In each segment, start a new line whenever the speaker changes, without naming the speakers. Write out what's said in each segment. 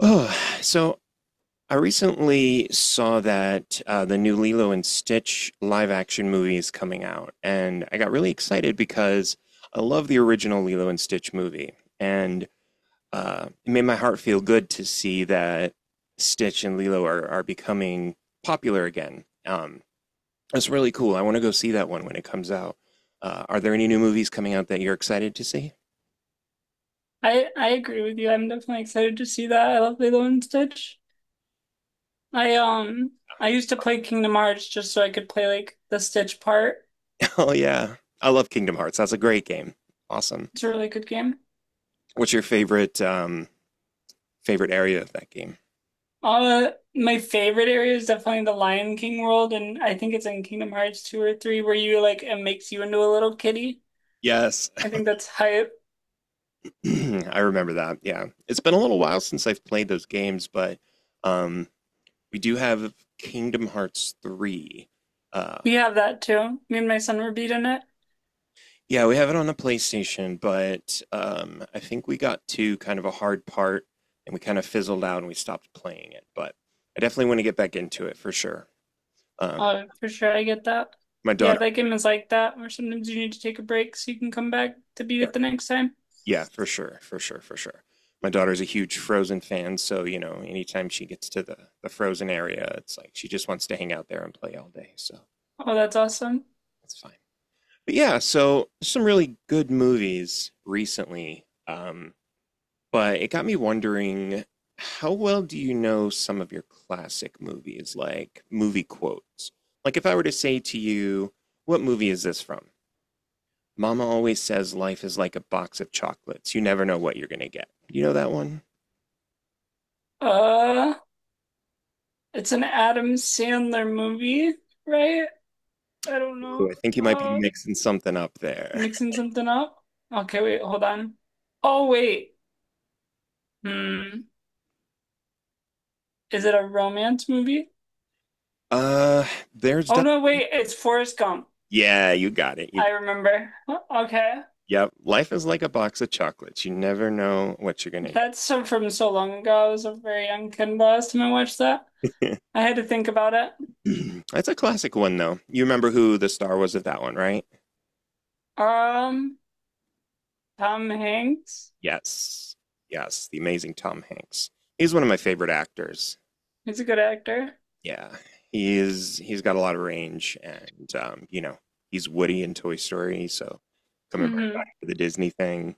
Oh, so I recently saw that the new Lilo and Stitch live action movie is coming out, and I got really excited because I love the original Lilo and Stitch movie, and it made my heart feel good to see that Stitch and Lilo are becoming popular again. That's really cool. I want to go see that one when it comes out. Are there any new movies coming out that you're excited to see?
I agree with you. I'm definitely excited to see that. I love Lilo and Stitch. I um I used to play Kingdom Hearts just so I could play like the Stitch part.
Oh, yeah. I love Kingdom Hearts. That's a great game. Awesome.
It's a really good game.
What's your favorite favorite area of that game?
My favorite area is definitely the Lion King world, and I think it's in Kingdom Hearts 2 or 3 where, you like, it makes you into a little kitty.
Yes.
I think that's hype.
I remember that. Yeah, it's been a little while since I've played those games, but um, we do have Kingdom Hearts 3. Uh,
We have that too. Me and my son were beating it.
yeah, we have it on the PlayStation, but I think we got to kind of a hard part and we kind of fizzled out and we stopped playing it. But I definitely want to get back into it for sure. Um,
For sure, I get that.
my
Yeah,
daughter,
that game is like that where sometimes you need to take a break so you can come back to beat
yeah.
it the next time.
Yeah, for sure, for sure, for sure. My daughter's a huge Frozen fan, so you know, anytime she gets to the Frozen area, it's like she just wants to hang out there and play all day, so
Oh, that's awesome.
that's fine. But yeah, so some really good movies recently. But it got me wondering, how well do you know some of your classic movies, like movie quotes? Like if I were to say to you, what movie is this from? Mama always says life is like a box of chocolates. You never know what you're gonna get. You know that one?
Uh, it's an Adam Sandler movie, right? I don't
Ooh,
know.
I think you might be
Uh,
mixing something up there.
mixing something up. Okay, wait, hold on. Oh, wait. Hmm. Is it a romance movie?
Uh, there's
Oh,
du-
no, wait, it's Forrest Gump.
yeah, you got it. You
I remember. Huh, okay.
yep. Life is like a box of chocolates. You never know what you're gonna
That's so from so long ago. I was a very young kid the last time I watched that.
get.
I had to think about it.
That's a classic one though. You remember who the star was of that one, right?
Um, Tom Hanks.
Yes, yes, the amazing Tom Hanks. He's one of my favorite actors.
He's a good actor.
Yeah, he's he's got a lot of range, and you know, he's Woody in Toy Story, so coming right
Hmm.
back to the Disney thing.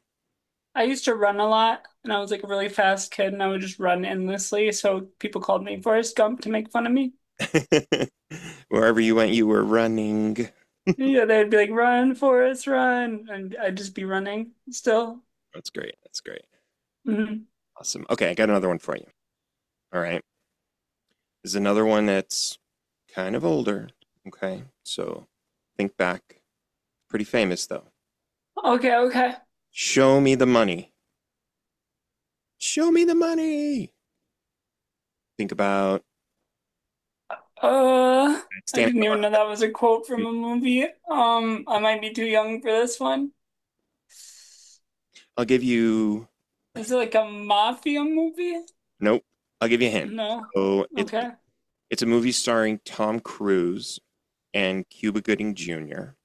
I used to run a lot and I was like a really fast kid and I would just run endlessly. So people called me Forrest Gump to make fun of me.
Wherever you went, you were running.
Yeah, they'd be like, run, Forrest, run. And I'd just be running still.
That's great. That's great.
Mhm.
Awesome. Okay, I got another one for you. All right. This is another one that's kind of older. Okay. So think back. Pretty famous though.
Okay, okay.
Show me the money. Show me the money. Think about
Uh, I
standing
didn't
up.
even know that was a quote from a movie. I might be too young for this one.
I'll give you
Is it like a mafia movie?
Nope. I'll give you a hint.
No.
So
Okay.
it's a movie starring Tom Cruise and Cuba Gooding Jr.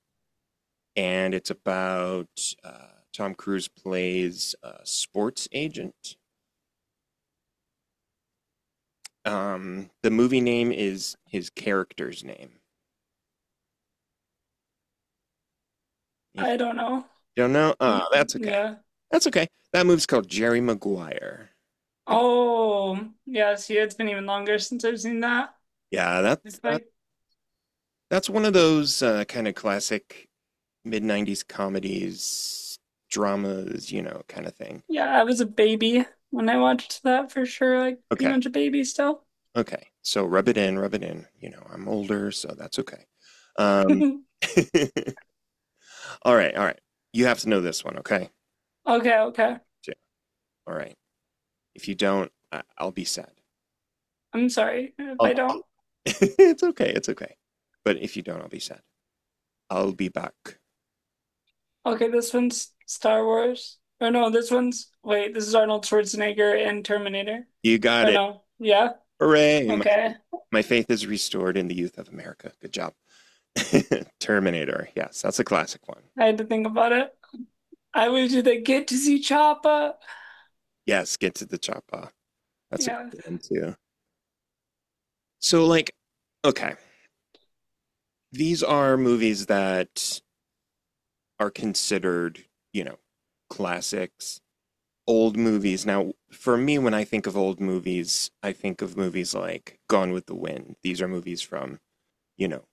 And it's about Tom Cruise plays a sports agent. The movie name is his character's name. If
I don't know.
you don't know,
Mm,
that's okay.
yeah.
That's okay. That movie's called Jerry Maguire. Have- you-
Oh, yes, yeah. See, it's been even longer since I've seen that.
Yeah,
If I.
that's one of those kind of classic mid '90s comedies, dramas, you know, kind of thing.
Yeah, I was a baby when I watched that for sure. Like pretty
Okay,
much a baby still.
okay. So rub it in, rub it in. You know, I'm older, so that's okay. Um, all right, all right. You have to know this one, okay?
Okay, okay.
Yeah. All right. If you don't, I- I'll be sad.
I'm sorry if
I'll,
I don't.
I'll- it's okay. It's okay. But if you don't, I'll be sad. I'll be back.
Okay, this one's Star Wars. Or no, this one's, wait, this is Arnold Schwarzenegger and Terminator.
You got
Or
it.
no. Yeah.
Hooray.
Okay.
My faith is restored in the youth of America. Good job. Terminator. Yes, that's a classic one.
I had to think about it. I wish just like, get to see Choppa.
Yes, get to the choppa. That's a
Yeah.
good one too. So, like, okay, these are movies that are considered, you know, classics, old movies. Now, for me, when I think of old movies, I think of movies like Gone with the Wind. These are movies from, you know,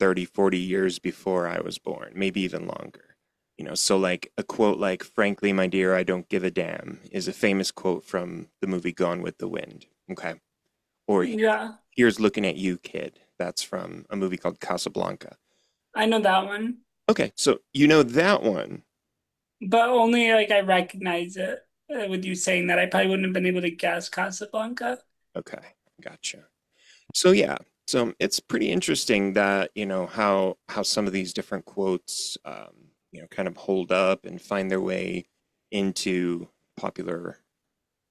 30, 40 years before I was born, maybe even longer. You know, so like a quote like, frankly, my dear, I don't give a damn is a famous quote from the movie Gone with the Wind. Okay. Or
Yeah.
here's looking at you, kid. That's from a movie called Casablanca.
I know that one.
Okay. So you know that one.
But only like I recognize it with you saying that. I probably wouldn't have been able to guess Casablanca.
Okay. Gotcha. So yeah. So it's pretty interesting that, you know, how some of these different quotes you know, kind of hold up and find their way into popular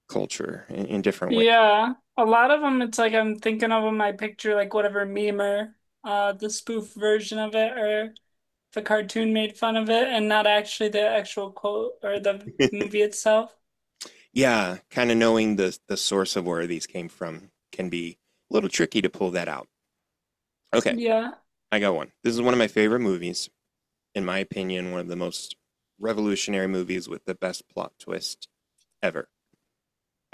culture in different
Yeah, a lot of them, it's like I'm thinking of them. I picture like whatever meme or the spoof version of it, or the cartoon made fun of it, and not actually the actual quote or the
ways.
movie itself.
Yeah, kind of knowing the source of where these came from can be a little tricky to pull that out. Okay,
Yeah.
I got one. This is one of my favorite movies, in my opinion, one of the most revolutionary movies with the best plot twist ever.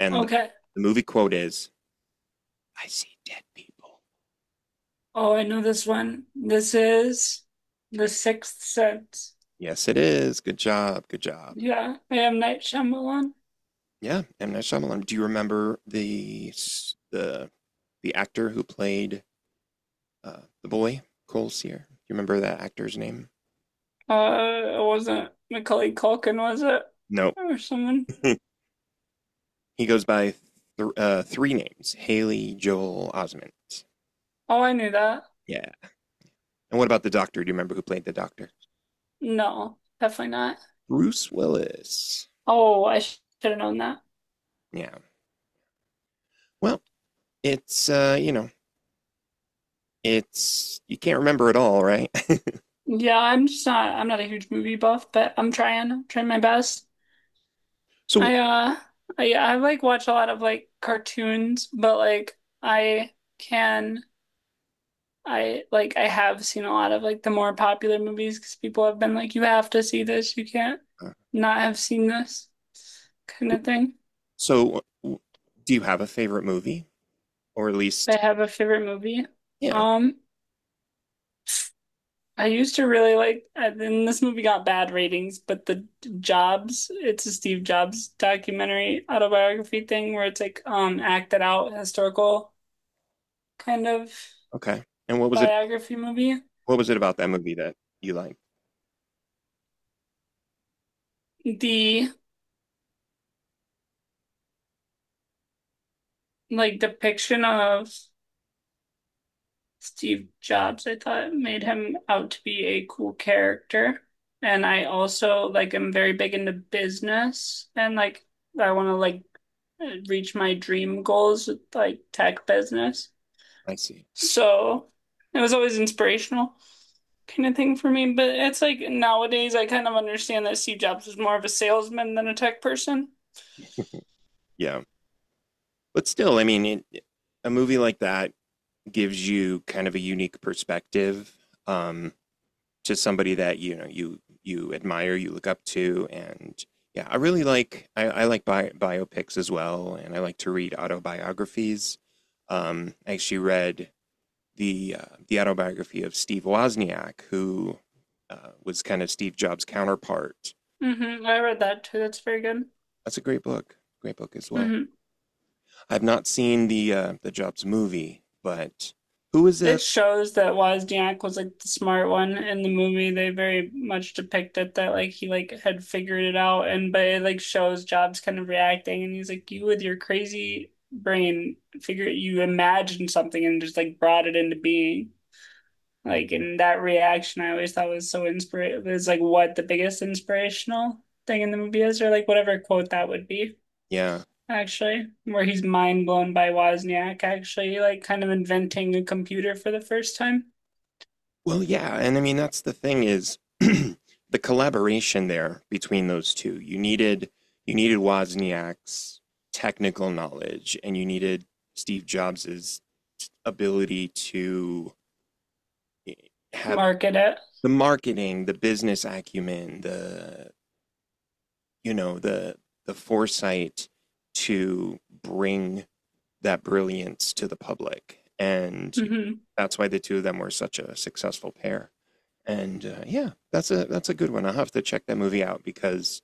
And the
Okay.
the movie quote is, "I see dead people."
Oh, I know this one. This is The Sixth Sense.
Yes, it is. Good job. Good job.
Yeah, I am Night Shyamalan.
Yeah, M Night Shyamalan. Do you remember the the actor who played the boy Cole Sear? Do you remember that actor's name?
It wasn't Macaulay Culkin, was it?
No.
Or someone?
He goes by three names: Haley Joel Osment.
Oh, I knew that.
Yeah. And what about the Doctor? Do you remember who played the Doctor?
No, definitely not.
Bruce Willis.
Oh, I should have known that.
Yeah. Well, it's you know, it's you can't remember it all, right?
Yeah, I'm just not a huge movie buff, but I'm trying my best.
So,
I uh I like watch a lot of like cartoons, but like I like I have seen a lot of like the more popular movies because people have been like, you have to see this, you can't
uh,
not have seen this, kind of thing.
so do you have a favorite movie, or at
I
least
have a favorite movie.
yeah?
Um I used to really like, and then this movie got bad ratings, but the Jobs, it's a Steve Jobs documentary autobiography thing where it's like acted out historical kind of
Okay. And what was it?
biography movie.
What was it about that movie that you liked?
The like depiction of Steve Jobs, I thought made him out to be a cool character. And I also like am very big into business, and like I want to like reach my dream goals with like tech business.
I see.
So it was always inspirational kind of thing for me. But it's like nowadays I kind of understand that Steve Jobs was more of a salesman than a tech person.
Yeah. But still, I mean, a movie like that gives you kind of a unique perspective um, to somebody that you know you admire, you look up to, and yeah, I like biopics as well, and I like to read autobiographies. I actually read the autobiography of Steve Wozniak, who was kind of Steve Jobs' counterpart.
Hmm. I read that too. That's very good.
That's a great book as well.
Hmm.
I've not seen the Jobs movie, but who is it?
It shows that Wozniak was like the smart one in the movie. They very much depict it that like he like had figured it out, and but it like shows Jobs kind of reacting and he's like, you with your crazy brain figure, you imagined something and just like brought it into being. Like in that reaction, I always thought was so inspirational. It's like what the biggest inspirational thing in the movie is, or like whatever quote that would be,
Yeah.
actually, where he's mind blown by Wozniak actually, like kind of inventing a computer for the first time.
Well, yeah, and I mean that's the thing is the collaboration there between those two. You needed Wozniak's technical knowledge, and you needed Steve Jobs's ability to eh, have
Market it.
the marketing, the business acumen, the you know the foresight to bring that brilliance to the public, and
Mm-hmm.
that's why the two of them were such a successful pair. And yeah, that's a good one. I'll have to check that movie out because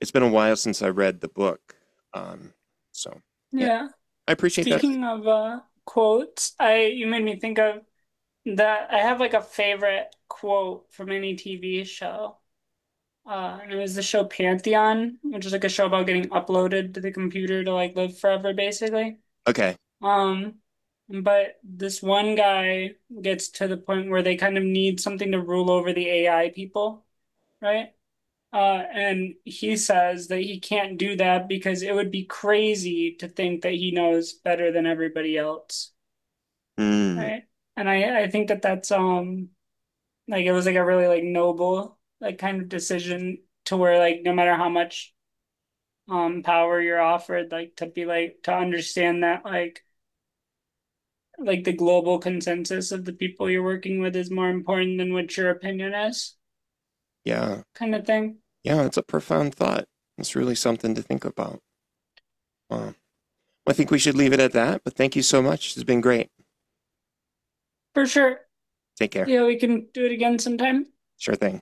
it's been a while since I read the book. Um, so yeah,
Yeah.
I appreciate that.
Speaking of quotes, I you made me think of that I have like a favorite quote from any TV show. And it was the show Pantheon, which is like a show about getting uploaded to the computer to like live forever, basically.
Okay.
Um, but this one guy gets to the point where they kind of need something to rule over the AI people, right? And he says that he can't do that because it would be crazy to think that he knows better than everybody else,
Mm,
right? And I think that that's like it was like a really like noble like kind of decision to where like no matter how much power you're offered, like to be like to understand that like the global consensus of the people you're working with is more important than what your opinion is,
yeah,
kind of thing.
yeah, it's a profound thought. It's really something to think about. Wow. Well, I think we should leave it at that. But thank you so much. It's been great.
For sure.
Take care.
Yeah, we can do it again sometime.
Sure thing.